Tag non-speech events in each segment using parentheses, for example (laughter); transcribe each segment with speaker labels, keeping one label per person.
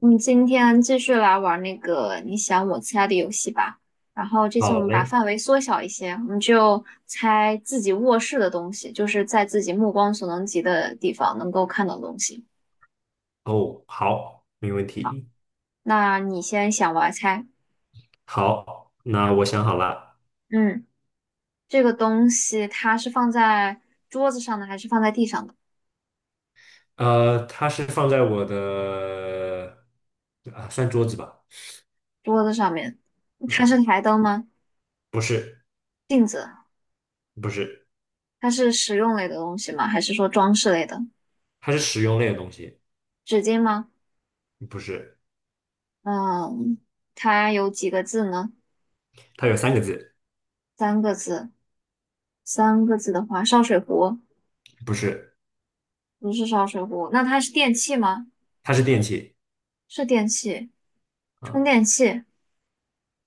Speaker 1: 我们今天继续来玩那个你想我猜的游戏吧。然后这次我
Speaker 2: 好
Speaker 1: 们把
Speaker 2: 嘞，
Speaker 1: 范围缩小一些，我们就猜自己卧室的东西，就是在自己目光所能及的地方能够看到的东西。
Speaker 2: 哦，好，没问题。
Speaker 1: 那你先想，我来猜。
Speaker 2: 好，那我想好了，
Speaker 1: 嗯，这个东西它是放在桌子上的，还是放在地上的？
Speaker 2: 它是放在我的啊，算桌子吧，
Speaker 1: 桌子上面，它
Speaker 2: 啊，
Speaker 1: 是台灯吗？
Speaker 2: 不是，
Speaker 1: 镜子？
Speaker 2: 不是，
Speaker 1: 它是实用类的东西吗？还是说装饰类的？
Speaker 2: 它是实用类的东西，
Speaker 1: 纸巾吗？
Speaker 2: 不是，
Speaker 1: 嗯，它有几个字呢？
Speaker 2: 它有三个字，
Speaker 1: 三个字。三个字的话，烧水壶
Speaker 2: 不是，
Speaker 1: 不是烧水壶，那它是电器吗？
Speaker 2: 它是电器，
Speaker 1: 是电器，充
Speaker 2: 啊、
Speaker 1: 电器，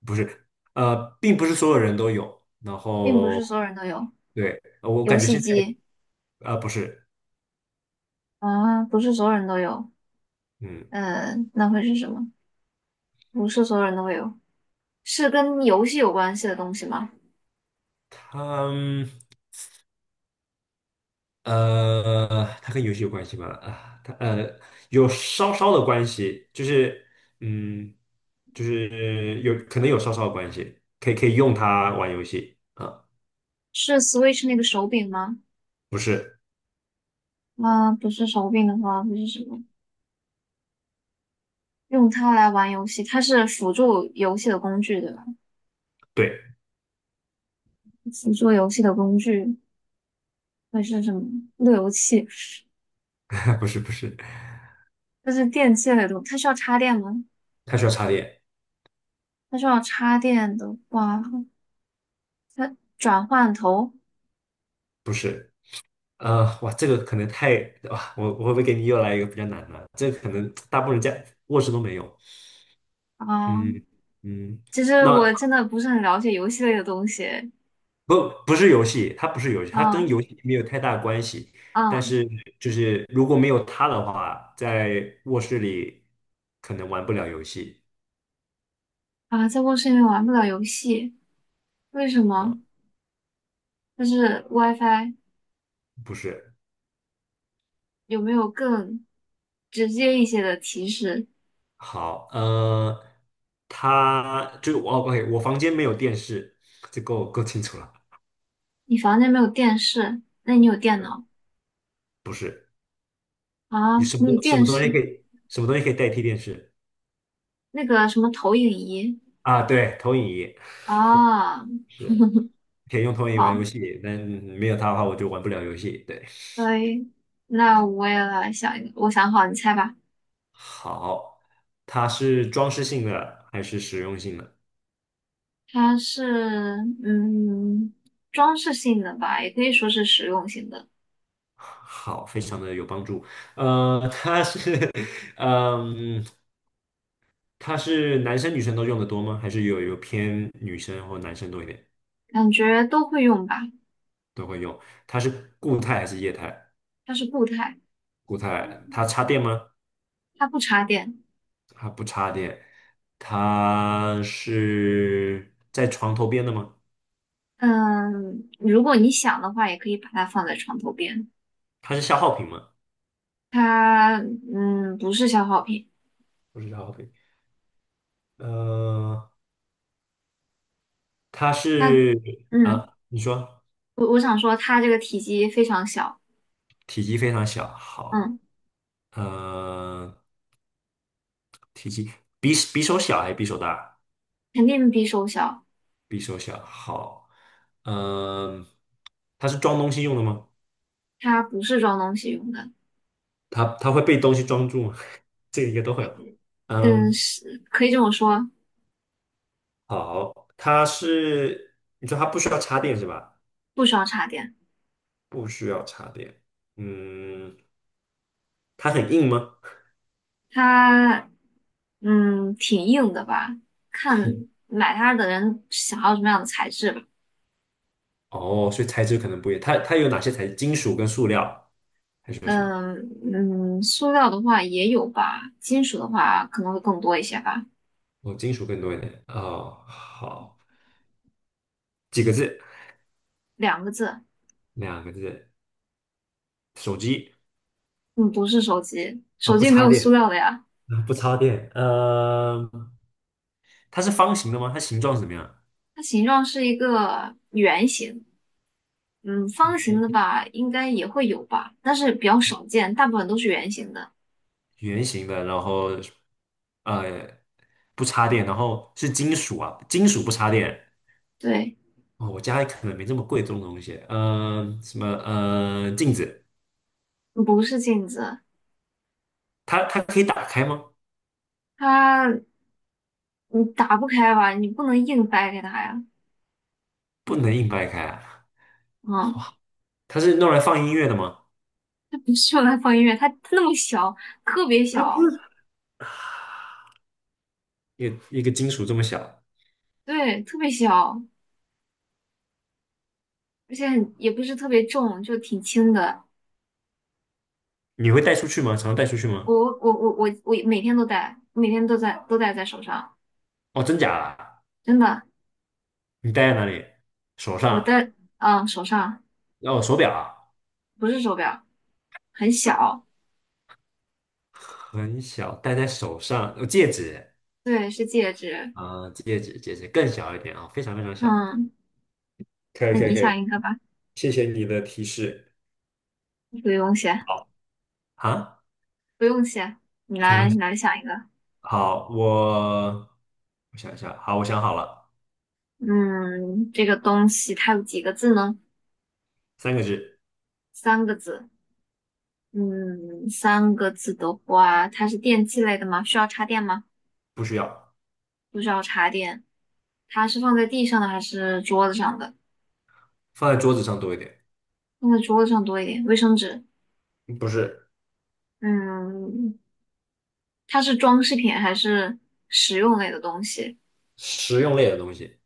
Speaker 2: 不是，并不是所有人都有，然
Speaker 1: 并不
Speaker 2: 后
Speaker 1: 是所有人都有。
Speaker 2: 对，我
Speaker 1: 游
Speaker 2: 感觉
Speaker 1: 戏
Speaker 2: 现在
Speaker 1: 机
Speaker 2: 啊、不是，
Speaker 1: 啊，不是所有人都有。
Speaker 2: 嗯，
Speaker 1: 那会是什么？不是所有人都会有。是跟游戏有关系的东西吗？
Speaker 2: 它。嗯它跟游戏有关系吗？啊，它有稍稍的关系，就是嗯，就是有可能有稍稍的关系，可以用它玩游戏啊，
Speaker 1: 是 Switch 那个手柄吗？
Speaker 2: 不是，
Speaker 1: 啊，不是手柄的话，会是什么？用它来玩游戏，它是辅助游戏的工具，对吧？
Speaker 2: 对，
Speaker 1: 辅助游戏的工具会是什么？路由器，
Speaker 2: (laughs) 不是不是，
Speaker 1: 这是电器类的，它需要插电吗？
Speaker 2: 它需要插电，
Speaker 1: 它需要插电的话，它转换头
Speaker 2: 不是，哇，这个可能太哇，我会不会给你又来一个比较难的？这个可能大部分人家卧室都没有，
Speaker 1: 啊，
Speaker 2: 嗯嗯，
Speaker 1: 其实
Speaker 2: 那。
Speaker 1: 我真的不是很了解游戏类的东西。
Speaker 2: 不，不是游戏，它不是游戏，它跟游
Speaker 1: 啊
Speaker 2: 戏没有太大关系。但
Speaker 1: 啊
Speaker 2: 是，就是如果没有它的话，在卧室里可能玩不了游戏
Speaker 1: 啊！在卧室里面玩不了游戏，为什
Speaker 2: 啊，
Speaker 1: 么？就是 WiFi
Speaker 2: 不是。
Speaker 1: 有没有更直接一些的提示？
Speaker 2: 好，它就我 OK，我房间没有电视，这够清楚了。
Speaker 1: 你房间没有电视，那你有电脑
Speaker 2: 不是，
Speaker 1: 啊？
Speaker 2: 你
Speaker 1: 你有电视，
Speaker 2: 什么东西可以代替电视
Speaker 1: 那个什么投影仪
Speaker 2: 啊？对，投影仪
Speaker 1: 啊？
Speaker 2: 是可以用投影仪玩
Speaker 1: 好，
Speaker 2: 游戏，但没有它的话，我就玩不了游戏。对，
Speaker 1: 所以那我也来想一个，我想好，你猜吧。
Speaker 2: 好，它是装饰性的还是实用性的？
Speaker 1: 它是嗯装饰性的吧，也可以说是实用性的，
Speaker 2: (laughs) 好，非常的有帮助。它是，(laughs) 嗯，它是男生女生都用的多吗？还是有偏女生或男生多一点
Speaker 1: 感觉都会用吧。
Speaker 2: 都会用？它是固态还是液态？
Speaker 1: 它是固态，
Speaker 2: 固态，它插电吗？
Speaker 1: 它不插电。
Speaker 2: 它不插电。它是在床头边的吗？
Speaker 1: 嗯，如果你想的话，也可以把它放在床头边。
Speaker 2: 它是消耗品吗？
Speaker 1: 它不是消耗品，
Speaker 2: 不是消耗品。呃，它
Speaker 1: 它
Speaker 2: 是
Speaker 1: 嗯
Speaker 2: 啊，你说。
Speaker 1: 我想说它这个体积非常小，
Speaker 2: 体积非常小，好，
Speaker 1: 嗯，
Speaker 2: 嗯，体积比手小还是比手大？
Speaker 1: 肯定比手小。
Speaker 2: 比手小，好，嗯、它是装东西用的吗？
Speaker 1: 它不是装东西用的，
Speaker 2: 它会被东西装住吗？(laughs) 这个应该都会吧。
Speaker 1: 嗯
Speaker 2: 嗯，
Speaker 1: 是可以这么说，
Speaker 2: 好，它是你说它不需要插电是吧？
Speaker 1: 不需要插电。
Speaker 2: 不需要插电。嗯，它很硬吗？
Speaker 1: 它挺硬的吧，看买它的人想要什么样的材质吧。
Speaker 2: 哦，所以材质可能不一样。它有哪些材质？金属跟塑料，还是有什么？
Speaker 1: 嗯嗯，塑料的话也有吧，金属的话可能会更多一些吧。
Speaker 2: 哦，金属更多一点。哦，好，几个字？
Speaker 1: 两个字，
Speaker 2: 两个字。手机
Speaker 1: 嗯，不是手机，
Speaker 2: 啊，
Speaker 1: 手
Speaker 2: 不
Speaker 1: 机没
Speaker 2: 插
Speaker 1: 有塑
Speaker 2: 电，
Speaker 1: 料的呀。
Speaker 2: 啊，不插电，它是方形的吗？它形状是怎么样？
Speaker 1: 它形状是一个圆形，嗯，方形的吧，应该也会有吧，但是比较少见，大部分都是圆形的。
Speaker 2: 圆形的，然后呃不插电，然后是金属啊，金属不插电。
Speaker 1: 对，
Speaker 2: 哦，我家里可能没这么贵重的东西。什么镜子，
Speaker 1: 不是镜子，
Speaker 2: 它可以打开吗？
Speaker 1: 它你打不开吧，你不能硬掰开它呀。
Speaker 2: 能硬掰开啊？
Speaker 1: 嗯。
Speaker 2: 它是用来放音乐的吗？
Speaker 1: 不是要放音乐，它那么小，特别
Speaker 2: 它
Speaker 1: 小，
Speaker 2: 不是，一个一个金属这么小，
Speaker 1: 对，特别小，而且很也不是特别重，就挺轻的。
Speaker 2: 你会带出去吗？常带出去
Speaker 1: 我
Speaker 2: 吗？
Speaker 1: 我每天都戴，每天都戴在手上，
Speaker 2: 哦，真假啊？
Speaker 1: 真的，
Speaker 2: 你戴在哪里？手
Speaker 1: 我
Speaker 2: 上？
Speaker 1: 戴，嗯，手上
Speaker 2: 哦，手表啊？
Speaker 1: 不是手表，很小，
Speaker 2: 很小，戴在手上，哦戒指
Speaker 1: 对，是戒指。
Speaker 2: 啊，戒指，戒指更小一点啊，非常非常小
Speaker 1: 嗯，
Speaker 2: 可以
Speaker 1: 那
Speaker 2: 可以
Speaker 1: 你
Speaker 2: 可以，
Speaker 1: 想一个吧，
Speaker 2: 谢谢你的提示。
Speaker 1: 不用谢，
Speaker 2: 啊，
Speaker 1: 不用谢，你
Speaker 2: 没问
Speaker 1: 来你
Speaker 2: 题。
Speaker 1: 来想一个。
Speaker 2: 好，我想一下，好，我想好了，
Speaker 1: 嗯，这个东西它有几个字呢？
Speaker 2: 三个字，
Speaker 1: 三个字。嗯，三个字的话，它是电器类的吗？需要插电吗？
Speaker 2: 不需要，
Speaker 1: 不需要插电。它是放在地上的还是桌子上的？
Speaker 2: 放在桌子上多一点，
Speaker 1: 放在桌子上多一点。卫生纸。
Speaker 2: 嗯不是，
Speaker 1: 嗯，它是装饰品还是实用类的东西？
Speaker 2: 实用类的东西。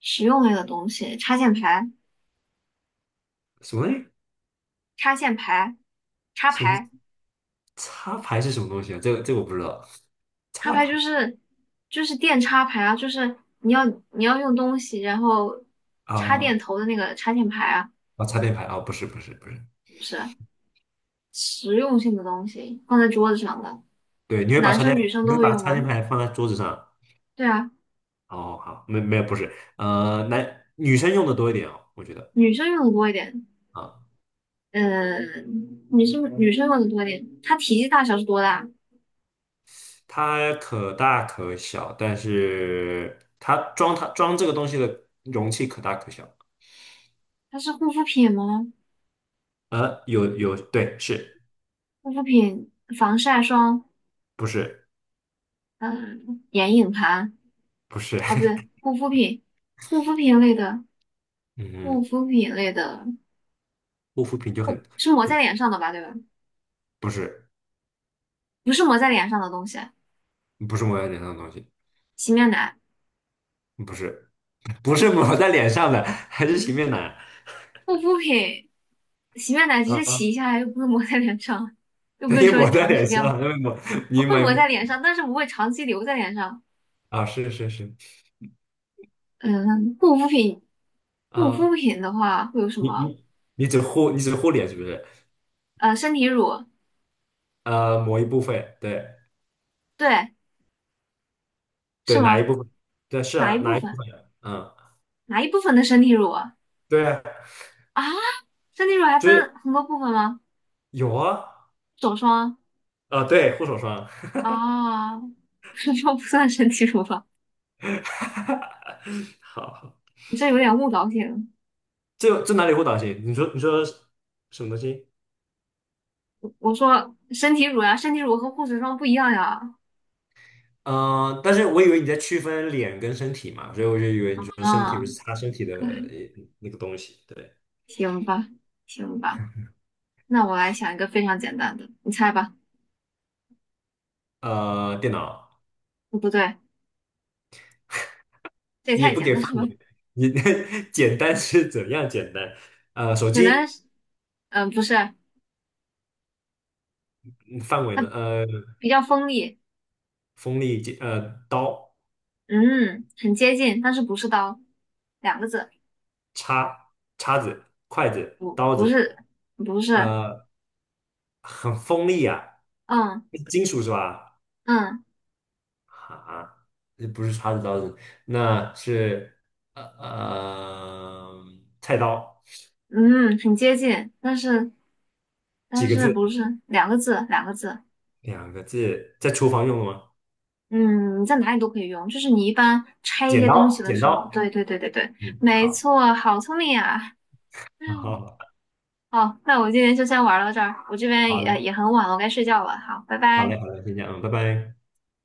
Speaker 1: 实用类的东西，
Speaker 2: 什么
Speaker 1: 插线排、插
Speaker 2: 什么
Speaker 1: 排、
Speaker 2: 插排是什么东西啊？这个我不知道。
Speaker 1: 插
Speaker 2: 插
Speaker 1: 排就
Speaker 2: 排
Speaker 1: 是就是电插排啊，就是你要用东西，然后插电
Speaker 2: 啊
Speaker 1: 头的那个插线排啊，
Speaker 2: 啊，插电排啊，不是不是不是，
Speaker 1: 不是实用性的东西，放在桌子上的。
Speaker 2: 对，
Speaker 1: 男生女生
Speaker 2: 你
Speaker 1: 都
Speaker 2: 会
Speaker 1: 会
Speaker 2: 把
Speaker 1: 用
Speaker 2: 插电
Speaker 1: 吗？
Speaker 2: 牌放在桌子上
Speaker 1: 对啊，
Speaker 2: 哦，好，没有不是，男女生用的多一点哦，我觉得
Speaker 1: 女生用的多一点，
Speaker 2: 啊，
Speaker 1: 呃，女生用的多一点。它体积大小是多大？
Speaker 2: 它可大可小，但是它装这个东西的容器可大可小。
Speaker 1: 它是护肤品吗？
Speaker 2: 有，对，是
Speaker 1: 护肤品、防晒霜，
Speaker 2: 不是
Speaker 1: 嗯、眼影盘
Speaker 2: 不是？
Speaker 1: 啊，不
Speaker 2: (laughs)
Speaker 1: 对，护肤品，护肤品类的，护
Speaker 2: 嗯，
Speaker 1: 肤品类的，
Speaker 2: 护肤品就很
Speaker 1: 不是抹在脸上的吧？对吧？
Speaker 2: 不是
Speaker 1: 不是抹在脸上的东西，
Speaker 2: 不是抹在脸上的东西，
Speaker 1: 洗面奶、
Speaker 2: 不是不是抹在脸上的，还是洗面奶
Speaker 1: 护肤品、洗面奶只是
Speaker 2: 啊？
Speaker 1: 洗一下，又不是抹在脸上，又不
Speaker 2: 那
Speaker 1: 是
Speaker 2: 也
Speaker 1: 说
Speaker 2: 抹在
Speaker 1: 长
Speaker 2: 脸
Speaker 1: 时间
Speaker 2: 上，因为抹
Speaker 1: (laughs)
Speaker 2: 你
Speaker 1: 会
Speaker 2: 买
Speaker 1: 抹在脸上，但是不会长期留在脸上。
Speaker 2: 啊，是是是
Speaker 1: 嗯，护肤品，护肤
Speaker 2: 啊，
Speaker 1: 品的话会有什
Speaker 2: 你
Speaker 1: 么？
Speaker 2: 你你只护脸是不是？
Speaker 1: 身体乳，
Speaker 2: 某一部分，对
Speaker 1: 对，是
Speaker 2: 对，哪一
Speaker 1: 吗？
Speaker 2: 部分？对，是
Speaker 1: 哪一
Speaker 2: 啊，哪
Speaker 1: 部
Speaker 2: 一部
Speaker 1: 分？
Speaker 2: 分？嗯，
Speaker 1: 哪一部分的身体乳啊？
Speaker 2: 对啊，
Speaker 1: 啊，身体乳还
Speaker 2: 就
Speaker 1: 分
Speaker 2: 是
Speaker 1: 很多部分吗？
Speaker 2: 有啊，
Speaker 1: 手霜
Speaker 2: 啊，对，护手霜，
Speaker 1: 啊，手霜不算身体乳吧？
Speaker 2: (laughs) 好，好
Speaker 1: 你这有点误导性。
Speaker 2: 这哪里护导型？你说什么东西？
Speaker 1: 我说身体乳呀、身体乳和护手霜不一样呀。
Speaker 2: 嗯、但是我以为你在区分脸跟身体嘛，所以我就以为你说身体
Speaker 1: 啊，
Speaker 2: 不是擦身体的
Speaker 1: 可以，
Speaker 2: 那个东西，对，
Speaker 1: 行吧，行吧，那我来想一个非常简单的，你猜吧。
Speaker 2: 电脑
Speaker 1: 哦不对，这也
Speaker 2: 你也
Speaker 1: 太
Speaker 2: 不
Speaker 1: 简
Speaker 2: 给
Speaker 1: 单
Speaker 2: 范
Speaker 1: 了吧？
Speaker 2: 围，你 (laughs) 简单是怎样简单？手
Speaker 1: 简单
Speaker 2: 机
Speaker 1: 是嗯、不是，
Speaker 2: 嗯范围
Speaker 1: 它
Speaker 2: 呢？
Speaker 1: 比较锋利。
Speaker 2: 锋利刀。
Speaker 1: 嗯，很接近，但是不是刀，两个字，
Speaker 2: 叉、叉子、筷子、刀
Speaker 1: 不
Speaker 2: 子，
Speaker 1: 是，不是，
Speaker 2: 呃，很锋利啊，
Speaker 1: 嗯
Speaker 2: 金属是吧？
Speaker 1: 嗯
Speaker 2: 啊，这不是叉子刀子，那是呃呃菜刀，
Speaker 1: 嗯，很接近，但是但
Speaker 2: 几个
Speaker 1: 是
Speaker 2: 字？
Speaker 1: 不是两个字，两个字，
Speaker 2: 两个字，在厨房用的吗？
Speaker 1: 嗯，你在哪里都可以用，就是你一般拆一
Speaker 2: 剪
Speaker 1: 些东
Speaker 2: 刀，
Speaker 1: 西的
Speaker 2: 剪
Speaker 1: 时候，
Speaker 2: 刀。
Speaker 1: 对，
Speaker 2: 嗯，
Speaker 1: 没
Speaker 2: 好，
Speaker 1: 错，好聪明啊，
Speaker 2: (laughs)
Speaker 1: 嗯，
Speaker 2: 好，
Speaker 1: 好，那我今天就先玩到这儿，我这边
Speaker 2: 好
Speaker 1: 也
Speaker 2: 了，
Speaker 1: 也很晚了，我该睡觉了，好，拜
Speaker 2: 好
Speaker 1: 拜。
Speaker 2: 嘞，好嘞，先这样，嗯，拜拜。